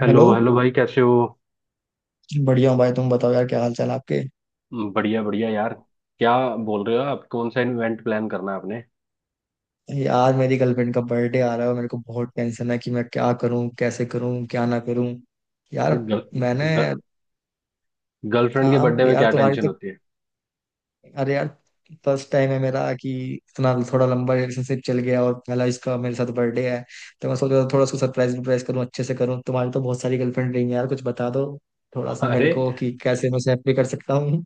Hello hello. Hello भाई कैसे हो। बढ़िया हूँ भाई। तुम बताओ यार, क्या हाल चाल आपके। बढ़िया बढ़िया यार। क्या बोल रहे हो आप? कौन सा इवेंट प्लान करना है आपने? यार मेरी गर्लफ्रेंड का बर्थडे आ रहा है और मेरे को बहुत टेंशन है कि मैं क्या करूँ, कैसे करूँ, क्या ना करूँ। यार ये मैंने गर्ल गर्लफ्रेंड के आप बर्थडे में यार क्या तुम्हारी टेंशन तो होती है? अरे यार, फर्स्ट टाइम है मेरा कि इतना थोड़ा लंबा रिलेशनशिप चल गया और पहला इसका मेरे साथ बर्थडे है। तो मैं सोच रहा था थोड़ा उसको सरप्राइज वरप्राइज करूँ, अच्छे से करूँ। तुम्हारी तो बहुत सारी गर्लफ्रेंड रही है यार, कुछ बता दो थोड़ा सा मेरे अरे को कि कैसे मैं उसे हैप्पी कर सकता हूँ।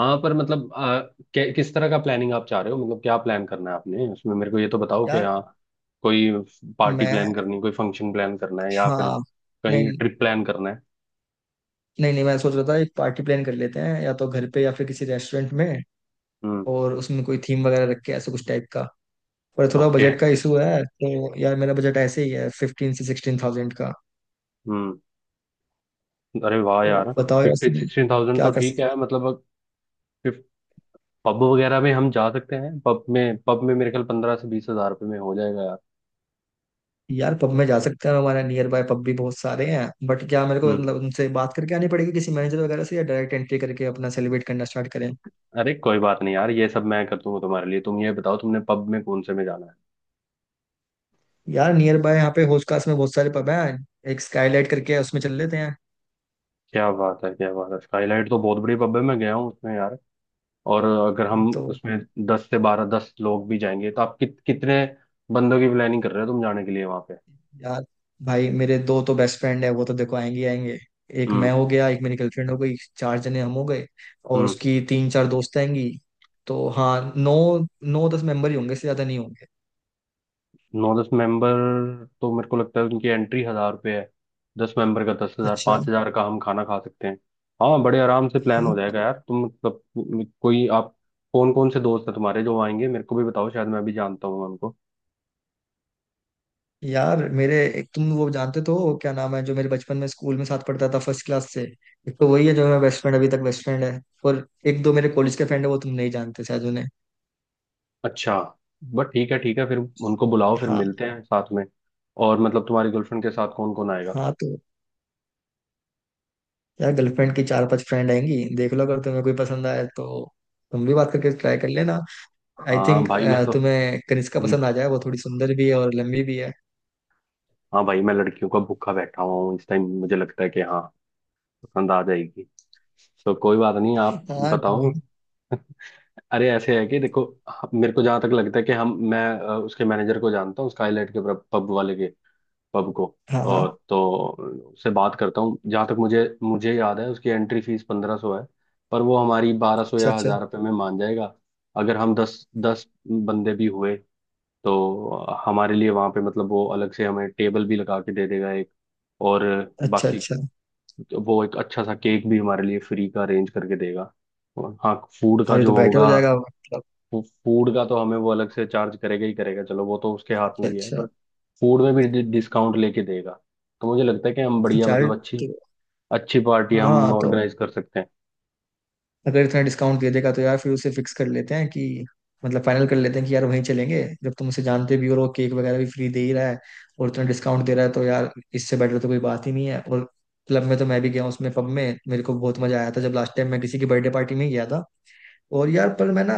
हाँ, पर मतलब किस तरह का प्लानिंग आप चाह रहे हो? मतलब क्या प्लान करना है आपने उसमें, मेरे को ये तो बताओ कि यार हाँ, कोई पार्टी मैं प्लान करनी, कोई फंक्शन प्लान करना है या फिर हाँ। कहीं नहीं। ट्रिप प्लान करना है? नहीं, नहीं, मैं सोच रहा था एक पार्टी प्लान कर लेते हैं या तो घर पे या फिर किसी रेस्टोरेंट में। हम्म। और उसमें कोई थीम वगैरह रख के ऐसे कुछ टाइप का। पर थोड़ा ओके। बजट का इशू है, तो यार मेरा बजट ऐसे ही है, 15,000 से 16,000 का। हम्म। अरे वाह तो यार, बताओ यार फिफ्टी इसमें सिक्सटीन थाउजेंड क्या तो कर ठीक सकते। है, मतलब 50 पब वगैरह में हम जा सकते हैं। पब में, पब में मेरे ख्याल 15 से 20 हजार रुपये में हो जाएगा यार। यार पब में जा सकते हैं, हमारे नियर बाय पब भी बहुत सारे हैं, बट क्या मेरे को हम्म। मतलब उनसे बात करके आनी पड़ेगी किसी मैनेजर वगैरह से, या डायरेक्ट एंट्री करके अपना सेलिब्रेट करना स्टार्ट करें। अरे कोई बात नहीं यार, ये सब मैं कर दूंगा तुम्हारे लिए। तुम ये बताओ, तुमने पब में कौन से में जाना है? यार नियर बाय यहाँ पे होस्कास में बहुत सारे पब हैं। एक स्काईलाइट करके है, उसमें चल लेते हैं। क्या बात है, क्या बात है। स्काईलाइट तो बहुत बड़ी पब है, मैं गया हूँ उसमें यार। और अगर हम तो उसमें दस से बारह, दस लोग भी जाएंगे तो आप कितने बंदों की प्लानिंग कर रहे हो तुम जाने के लिए वहां पे? यार भाई, मेरे दो तो बेस्ट फ्रेंड है, वो तो देखो आएंगे ही आएंगे। एक मैं हम्म। हो गया, एक मेरी गर्लफ्रेंड हो गई, चार जने हम हो गए। और हम्म। उसकी तीन चार दोस्त आएंगी। तो हाँ, नौ 9-10 मेंबर ही होंगे, इससे ज्यादा नहीं होंगे। नौ दस मेंबर, तो मेरे को लगता है उनकी एंट्री हजार रुपये है। दस मेंबर का दस हजार, अच्छा। पाँच हजार का हम खाना खा सकते हैं। हाँ, बड़े आराम से प्लान हाँ। हो जाएगा यार। तुम मतलब कोई आप कौन कौन से दोस्त हैं तुम्हारे जो आएंगे, मेरे को भी बताओ, शायद मैं भी जानता हूँ उनको। यार मेरे, एक तुम वो जानते तो हो, क्या नाम है जो मेरे बचपन में स्कूल में साथ पढ़ता था फर्स्ट क्लास से। एक तो वही है, जो मेरा बेस्ट फ्रेंड अभी तक बेस्ट फ्रेंड है। और एक दो मेरे कॉलेज के फ्रेंड है, वो तुम नहीं जानते शायद उन्हें। अच्छा, बट ठीक है ठीक है, फिर उनको बुलाओ, फिर हाँ, मिलते हैं साथ में। और मतलब तुम्हारी गर्लफ्रेंड के साथ कौन कौन आएगा? हाँ। तो यार गर्लफ्रेंड की चार पांच फ्रेंड आएंगी, देख लो अगर तुम्हें कोई पसंद आए तो तुम भी बात करके ट्राई कर लेना। आई हाँ थिंक भाई मैं तो, तुम्हें कनिष्का हम्म, पसंद आ जाए, वो थोड़ी सुंदर भी है और लंबी भी है। हाँ भाई मैं लड़कियों का भूखा बैठा हुआ हूँ इस टाइम। मुझे लगता है कि हाँ पसंद आ जाएगी। तो कोई बात नहीं, आप हाँ। बताओ। नहीं। अरे ऐसे है कि देखो, मेरे को जहां तक लगता है कि हम मैं उसके मैनेजर को जानता हूँ, स्काईलाइट के पब वाले के, पब को। हाँ, हाँ। और तो उससे बात करता हूँ, जहां तक मुझे मुझे याद है उसकी एंट्री फीस 1500 है, पर वो हमारी बारह सौ अच्छा, या अच्छा। हजार रुपये में मान जाएगा। अगर हम दस दस बंदे भी हुए तो हमारे लिए वहां पे मतलब वो अलग से हमें टेबल भी लगा के दे देगा एक। और अच्छा, बाकी अच्छा। वो एक अच्छा सा केक भी हमारे लिए फ्री का अरेंज करके देगा। और हाँ, फूड का अरे, जो तो बेटर होगा, हो जाएगा मतलब। फूड का तो हमें वो अलग से चार्ज करेगा ही करेगा, चलो वो तो उसके हाथ अच्छा, में भी है, अच्छा। पर फूड में भी डिस्काउंट लेके देगा। तो मुझे लगता है कि हम बढ़िया, चार मतलब अच्छी तो अच्छी पार्टी हम हाँ, तो ऑर्गेनाइज कर सकते हैं। अगर इतना डिस्काउंट दे देगा तो यार फिर उसे फिक्स कर लेते हैं कि, मतलब फाइनल कर लेते हैं कि यार वहीं चलेंगे, जब तुम उसे जानते भी हो और वो केक वगैरह भी फ्री दे ही रहा है और इतना डिस्काउंट दे रहा है, तो यार इससे बेटर तो कोई बात ही नहीं है। और क्लब में तो मैं भी गया हूँ उसमें, पब में मेरे को बहुत मजा आया था जब लास्ट टाइम मैं किसी की बर्थडे पार्टी में गया था। और यार पर मैं ना,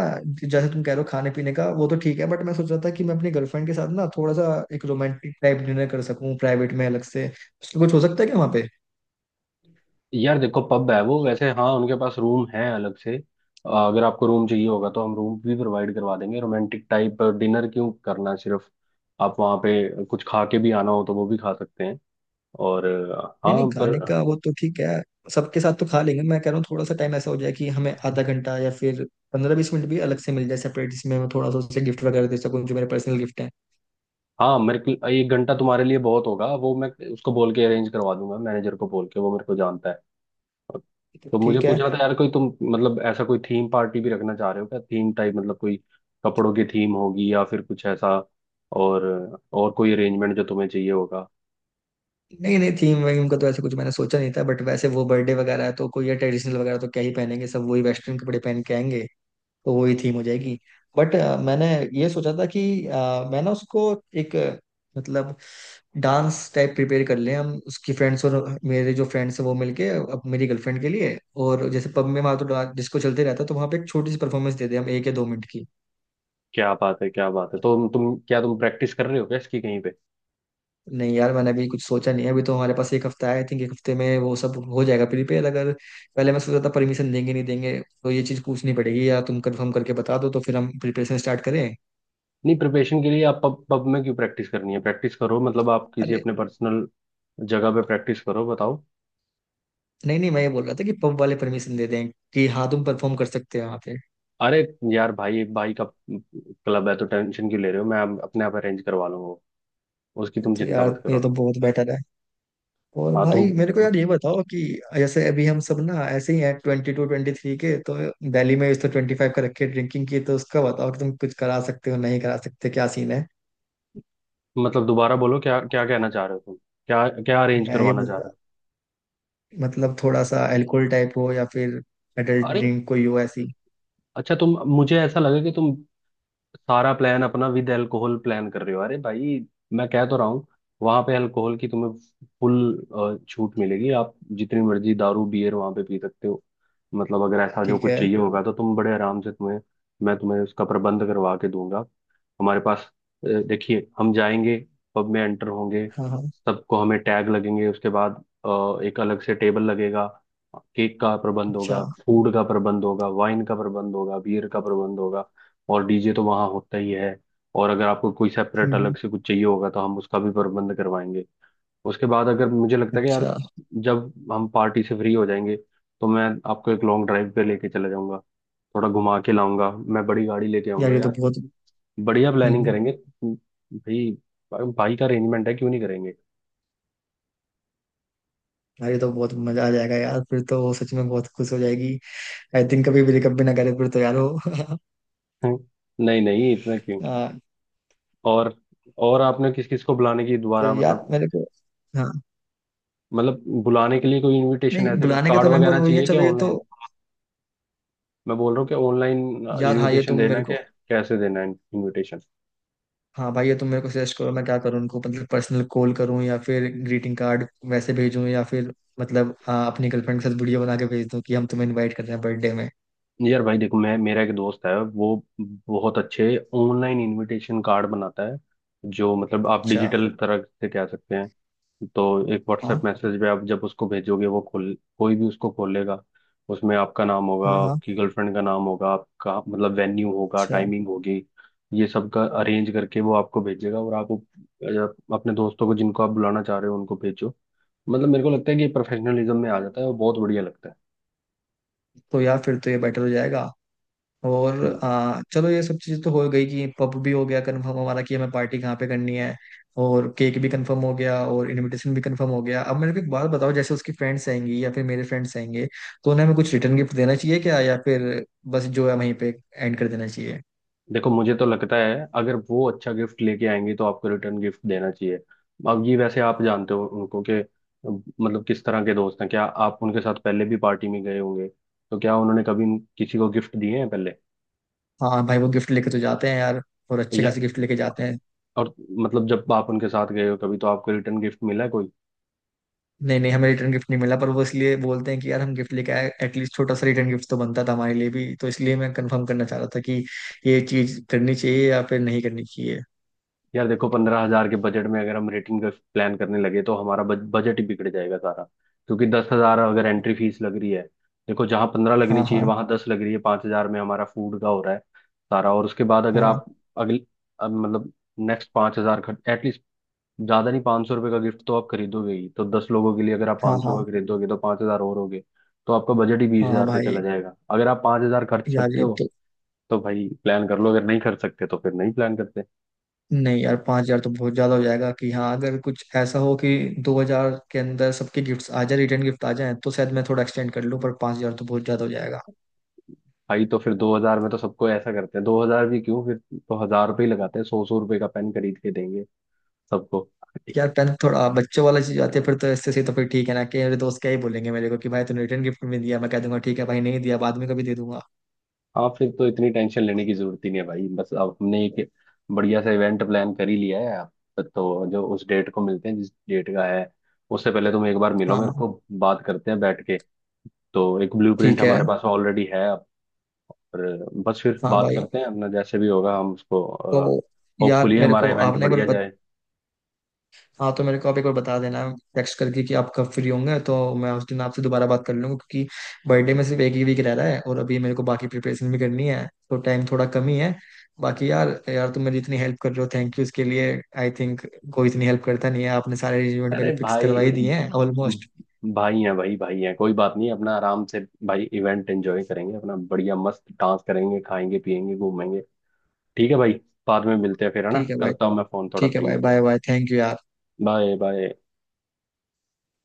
जैसे तुम कह रहे हो खाने पीने का वो तो ठीक है, बट मैं सोच रहा था कि मैं अपनी गर्लफ्रेंड के साथ ना थोड़ा सा एक रोमांटिक टाइप डिनर कर सकूं प्राइवेट में अलग से, उसमें कुछ हो सकता है क्या वहाँ। यार देखो, पब है वो, वैसे हाँ उनके पास रूम है अलग से, अगर आपको रूम चाहिए होगा तो हम रूम भी प्रोवाइड करवा देंगे। रोमांटिक टाइप डिनर क्यों करना सिर्फ, आप वहाँ पे कुछ खा के भी आना हो तो वो भी खा सकते हैं। और नहीं, नहीं, हाँ पर, खाने का वो तो ठीक है, सबके साथ तो खा लेंगे। मैं कह रहा हूँ थोड़ा सा टाइम ऐसा हो जाए कि हमें आधा घंटा या फिर 15-20 मिनट भी अलग से मिल जाए सेपरेट, जिसमें मैं थोड़ा सा उसे गिफ्ट वगैरह दे सकूँ जो मेरे पर्सनल गिफ्ट हैं। हाँ मेरे को एक घंटा तुम्हारे लिए बहुत होगा, वो मैं उसको बोल के अरेंज करवा दूंगा, मैनेजर को बोल के, वो मेरे को जानता है। तो तो मुझे ठीक पूछ है। रहा था यार, कोई तुम मतलब ऐसा कोई थीम पार्टी भी रखना चाह रहे हो क्या? थीम टाइप मतलब कोई कपड़ों की थीम होगी या फिर कुछ ऐसा, और और कोई अरेंजमेंट जो तुम्हें चाहिए होगा? नहीं, नहीं, थीम वीम का तो ऐसे कुछ मैंने सोचा नहीं था, बट वैसे वो बर्थडे वगैरह है तो कोई ट्रेडिशनल वगैरह तो क्या ही पहनेंगे, सब वही वेस्टर्न कपड़े पहन के आएंगे। तो वही थीम हो जाएगी। बट मैंने ये सोचा था कि मैं ना उसको एक मतलब डांस टाइप प्रिपेयर कर लें हम, उसकी फ्रेंड्स और मेरे जो फ्रेंड्स हैं वो मिलके, अब मेरी गर्लफ्रेंड के लिए। और जैसे पब में वहाँ तो डिस्को चलते रहता है, तो वहाँ पे एक छोटी सी परफॉर्मेंस दे दें हम, 1 या 2 मिनट की। क्या बात है, क्या बात है। तो तुम क्या तुम प्रैक्टिस कर रहे हो क्या इसकी कहीं पे? नहीं यार, मैंने अभी कुछ सोचा नहीं है। अभी तो हमारे पास एक हफ्ता है, आई थिंक एक हफ्ते में वो सब हो जाएगा प्रिपेयर, अगर। पहले मैं सोचा था परमिशन देंगे नहीं देंगे, तो ये चीज़ पूछनी पड़ेगी, या तुम कंफर्म करके बता दो तो फिर हम प्रिपरेशन स्टार्ट करें। नहीं, प्रिपरेशन के लिए आप पब पब में क्यों प्रैक्टिस करनी है? प्रैक्टिस करो मतलब आप किसी अरे अपने पर्सनल जगह पे प्रैक्टिस करो, बताओ। नहीं, नहीं, मैं ये बोल रहा था कि पब वाले परमिशन दे दें कि हाँ तुम परफॉर्म कर सकते हो वहाँ पे। अरे यार, भाई भाई का क्लब है तो टेंशन क्यों ले रहे हो? मैं अपने आप अरेंज करवा लूंगा वो। उसकी तुम तो चिंता यार मत ये करो। तो बहुत बेटर है। और हाँ तुम भाई मेरे को यार ये बताओ कि जैसे अभी हम सब ना ऐसे ही हैं, 22-23 के तो, दिल्ली में इस तो 25 का रखे ड्रिंकिंग की, तो उसका बताओ कि तुम कुछ करा सकते हो नहीं करा सकते, क्या सीन है। मतलब दोबारा बोलो, क्या क्या कहना चाह रहे हो तुम? क्या क्या अरेंज मैं ये करवाना बोल चाह रहा रहे मतलब थोड़ा सा अल्कोहल टाइप हो या फिर एडल्ट हो? अरे, ड्रिंक कोई हो ऐसी। अच्छा तुम, मुझे ऐसा लगा कि तुम सारा प्लान अपना विद अल्कोहल प्लान कर रहे हो। अरे भाई मैं कह तो रहा हूँ, वहां पे अल्कोहल की तुम्हें फुल छूट मिलेगी। आप जितनी मर्जी दारू बियर वहां पे पी सकते हो। मतलब अगर ऐसा जो ठीक कुछ है। चाहिए होगा तो तुम बड़े आराम से, तुम्हें मैं तुम्हें उसका प्रबंध करवा के दूंगा। हमारे पास, देखिए हम जाएंगे, पब में एंटर होंगे, हाँ, हाँ। सबको हमें टैग लगेंगे, उसके बाद एक अलग से टेबल लगेगा, केक का प्रबंध अच्छा। होगा, फूड का प्रबंध होगा, वाइन का प्रबंध होगा, बियर का प्रबंध होगा। और डीजे तो वहाँ होता ही है। और अगर आपको कोई सेपरेट हम्म, अलग हम्म। से कुछ चाहिए होगा तो हम उसका भी प्रबंध करवाएंगे। उसके बाद अगर मुझे लगता है कि यार, अच्छा। जब हम पार्टी से फ्री हो जाएंगे तो मैं आपको एक लॉन्ग ड्राइव पे लेके चला जाऊंगा, थोड़ा घुमा के लाऊंगा, मैं बड़ी गाड़ी लेके यार आऊंगा ये तो यार, बहुत बढ़िया हम्म, प्लानिंग हम्म। करेंगे। भाई भाई का अरेंजमेंट है, क्यों नहीं करेंगे? यार ये तो बहुत मजा आ जाएगा यार, फिर तो वो सच में बहुत खुश हो जाएगी। आई थिंक कभी ब्रेकअप भी कभी ना करे फिर तो यार वो हम्म, नहीं नहीं इतना क्यों। हाँ। और और आपने किस किस को बुलाने की तो दोबारा, यार मतलब मेरे को हाँ। मतलब बुलाने के लिए कोई इनविटेशन नहीं, ऐसे कुछ बुलाने का कार्ड तो मेंबर वगैरह वही है, चाहिए क्या चलो ये तो। ऑनलाइन? मैं बोल रहा हूँ कि ऑनलाइन यार हाँ ये इनविटेशन तुम मेरे देना को क्या, कैसे देना है इनविटेशन? हाँ भाई, ये तुम मेरे को सजेस्ट करो, मैं क्या करूँ उनको, मतलब पर्सनल कॉल करूँ या फिर ग्रीटिंग कार्ड वैसे भेजूँ या फिर मतलब हाँ, अपनी गर्लफ्रेंड के साथ वीडियो बना के भेज दूँ कि हम तुम्हें इनवाइट कर रहे हैं बर्थडे में। यार भाई देखो, मैं, मेरा एक दोस्त है वो बहुत अच्छे ऑनलाइन इनविटेशन कार्ड बनाता है, जो मतलब आप अच्छा। डिजिटल तरह से कह सकते हैं। तो एक हाँ, व्हाट्सएप मैसेज पे आप जब उसको भेजोगे, वो खोल, कोई भी उसको खोलेगा उसमें आपका नाम होगा, हाँ, हाँ। आपकी गर्लफ्रेंड का नाम होगा, आपका मतलब वेन्यू होगा, अच्छा। टाइमिंग होगी, ये सब का अरेंज करके वो आपको भेजेगा। और आप अपने दोस्तों को जिनको आप बुलाना चाह रहे हो उनको भेजो। मतलब मेरे को लगता है कि प्रोफेशनलिज्म में आ जाता है और बहुत बढ़िया लगता है। तो यार फिर तो ये बेटर हो जाएगा। और हम्म। चलो ये सब चीज़ तो हो गई कि पब भी हो गया कंफर्म हमारा, कि हमें पार्टी कहाँ पे करनी है। और केक भी कंफर्म हो गया और इनविटेशन भी कंफर्म हो गया। अब मेरे को एक बात बताओ, जैसे उसकी फ्रेंड्स आएंगी या फिर मेरे फ्रेंड्स आएंगे, तो उन्हें हमें कुछ रिटर्न गिफ्ट देना चाहिए क्या, या फिर बस जो है वहीं पे एंड कर देना चाहिए। देखो, मुझे तो लगता है अगर वो अच्छा गिफ्ट लेके आएंगे तो आपको रिटर्न गिफ्ट देना चाहिए। अब ये वैसे आप जानते हो उनको कि मतलब किस तरह के दोस्त हैं। क्या आप उनके साथ पहले भी पार्टी में गए होंगे, तो क्या उन्होंने कभी किसी को गिफ्ट दिए हैं पहले? हाँ भाई, वो गिफ्ट लेके तो जाते हैं यार, और अच्छे या, खासे गिफ्ट लेके जाते हैं। और मतलब जब आप उनके साथ गए हो कभी, तो आपको रिटर्न गिफ्ट मिला है कोई? नहीं, नहीं, हमें रिटर्न गिफ्ट नहीं मिला, पर वो इसलिए बोलते हैं कि यार हम गिफ्ट लेके आए, एटलीस्ट छोटा सा रिटर्न गिफ्ट तो बनता था हमारे लिए भी, तो इसलिए मैं कंफर्म करना चाह रहा था कि ये चीज करनी चाहिए या फिर नहीं करनी चाहिए। यार देखो, 15 हजार के बजट में अगर हम रेटिंग का प्लान करने लगे तो हमारा बजट ही बिगड़ जाएगा सारा, क्योंकि 10 हजार अगर एंट्री फीस लग रही है। देखो, जहाँ 15 लगनी हाँ, चाहिए हाँ। वहां 10 लग रही है, 5 हजार में हमारा फूड का हो रहा है सारा। और उसके बाद अगर हाँ, आप, अगले, अब मतलब नेक्स्ट पांच हजार खर्च एटलीस्ट, ज्यादा नहीं 500 रुपये का गिफ्ट तो आप खरीदोगे ही, तो 10 लोगों के लिए अगर आप हाँ। 500 हाँ, का खरीदोगे तो 5 हजार और हो गए। तो आपका बजट ही बीस हाँ हजार पे भाई। चला जाएगा। अगर आप 5 हजार खर्च यार सकते ये हो तो तो भाई प्लान कर लो, अगर नहीं खर्च सकते तो फिर नहीं प्लान करते। नहीं यार, 5,000 तो बहुत ज्यादा हो जाएगा, कि हाँ अगर कुछ ऐसा हो कि 2,000 के अंदर सबके गिफ्ट्स आ जाए, रिटर्न गिफ्ट आ जाए, तो शायद मैं थोड़ा एक्सटेंड कर लूँ, पर 5,000 तो बहुत ज्यादा हो जाएगा। भाई तो फिर 2 हजार में तो सबको, ऐसा करते हैं 2 हजार भी क्यों फिर, तो हजार रुपये ही लगाते हैं, 100-100 रुपये का पेन खरीद के देंगे सबको। यार 10th थोड़ा बच्चों वाला चीज आती है फिर तो, इससे सही तो फिर ठीक है ना, कि मेरे दोस्त क्या ही बोलेंगे मेरे को कि भाई तूने रिटर्न गिफ्ट में दिया, मैं कह दूंगा ठीक है भाई नहीं दिया, बाद में कभी दे दूंगा। हाँ फिर तो इतनी टेंशन लेने की जरूरत ही नहीं है भाई। बस अब हमने एक बढ़िया सा इवेंट प्लान कर ही लिया है अब, तो जो उस डेट को मिलते हैं जिस डेट का है, उससे पहले तुम एक बार मिलो हाँ, मेरे हाँ। को, बात करते हैं बैठ के, तो एक ब्लूप्रिंट ठीक है। हमारे पास ऑलरेडी है अब। पर बस फिर हाँ बात भाई। करते हैं, अपना जैसे भी होगा हम उसको, तो यार होपफुली मेरे हमारा को इवेंट आपने एक बढ़िया बार जाए। हाँ, तो मेरे को आप एक बार बता देना टेक्स्ट करके कि आप कब फ्री होंगे, तो मैं उस दिन आपसे दोबारा बात कर लूंगा, क्योंकि बर्थडे में सिर्फ एक ही वीक रह रहा है और अभी मेरे को बाकी प्रिपरेशन भी करनी है तो टाइम थोड़ा कम ही है। बाकी यार यार, तुम मेरी इतनी हेल्प कर रहे हो, थैंक यू इसके लिए। आई थिंक कोई इतनी हेल्प करता नहीं है, आपने सारे अरेंजमेंट मेरे अरे फिक्स भाई, करवा ही दिए हैं ऑलमोस्ट। भाई हैं, भाई भाई हैं, कोई बात नहीं, अपना आराम से भाई इवेंट एंजॉय करेंगे, अपना बढ़िया मस्त डांस करेंगे, खाएंगे, पिएंगे, घूमेंगे। ठीक है भाई, बाद में मिलते हैं फिर, है ना, ठीक है भाई। करता हूँ मैं फोन, थोड़ा ठीक है फ्री हो भाई। गया। Bye bye. थैंक यू यार। Bye bye.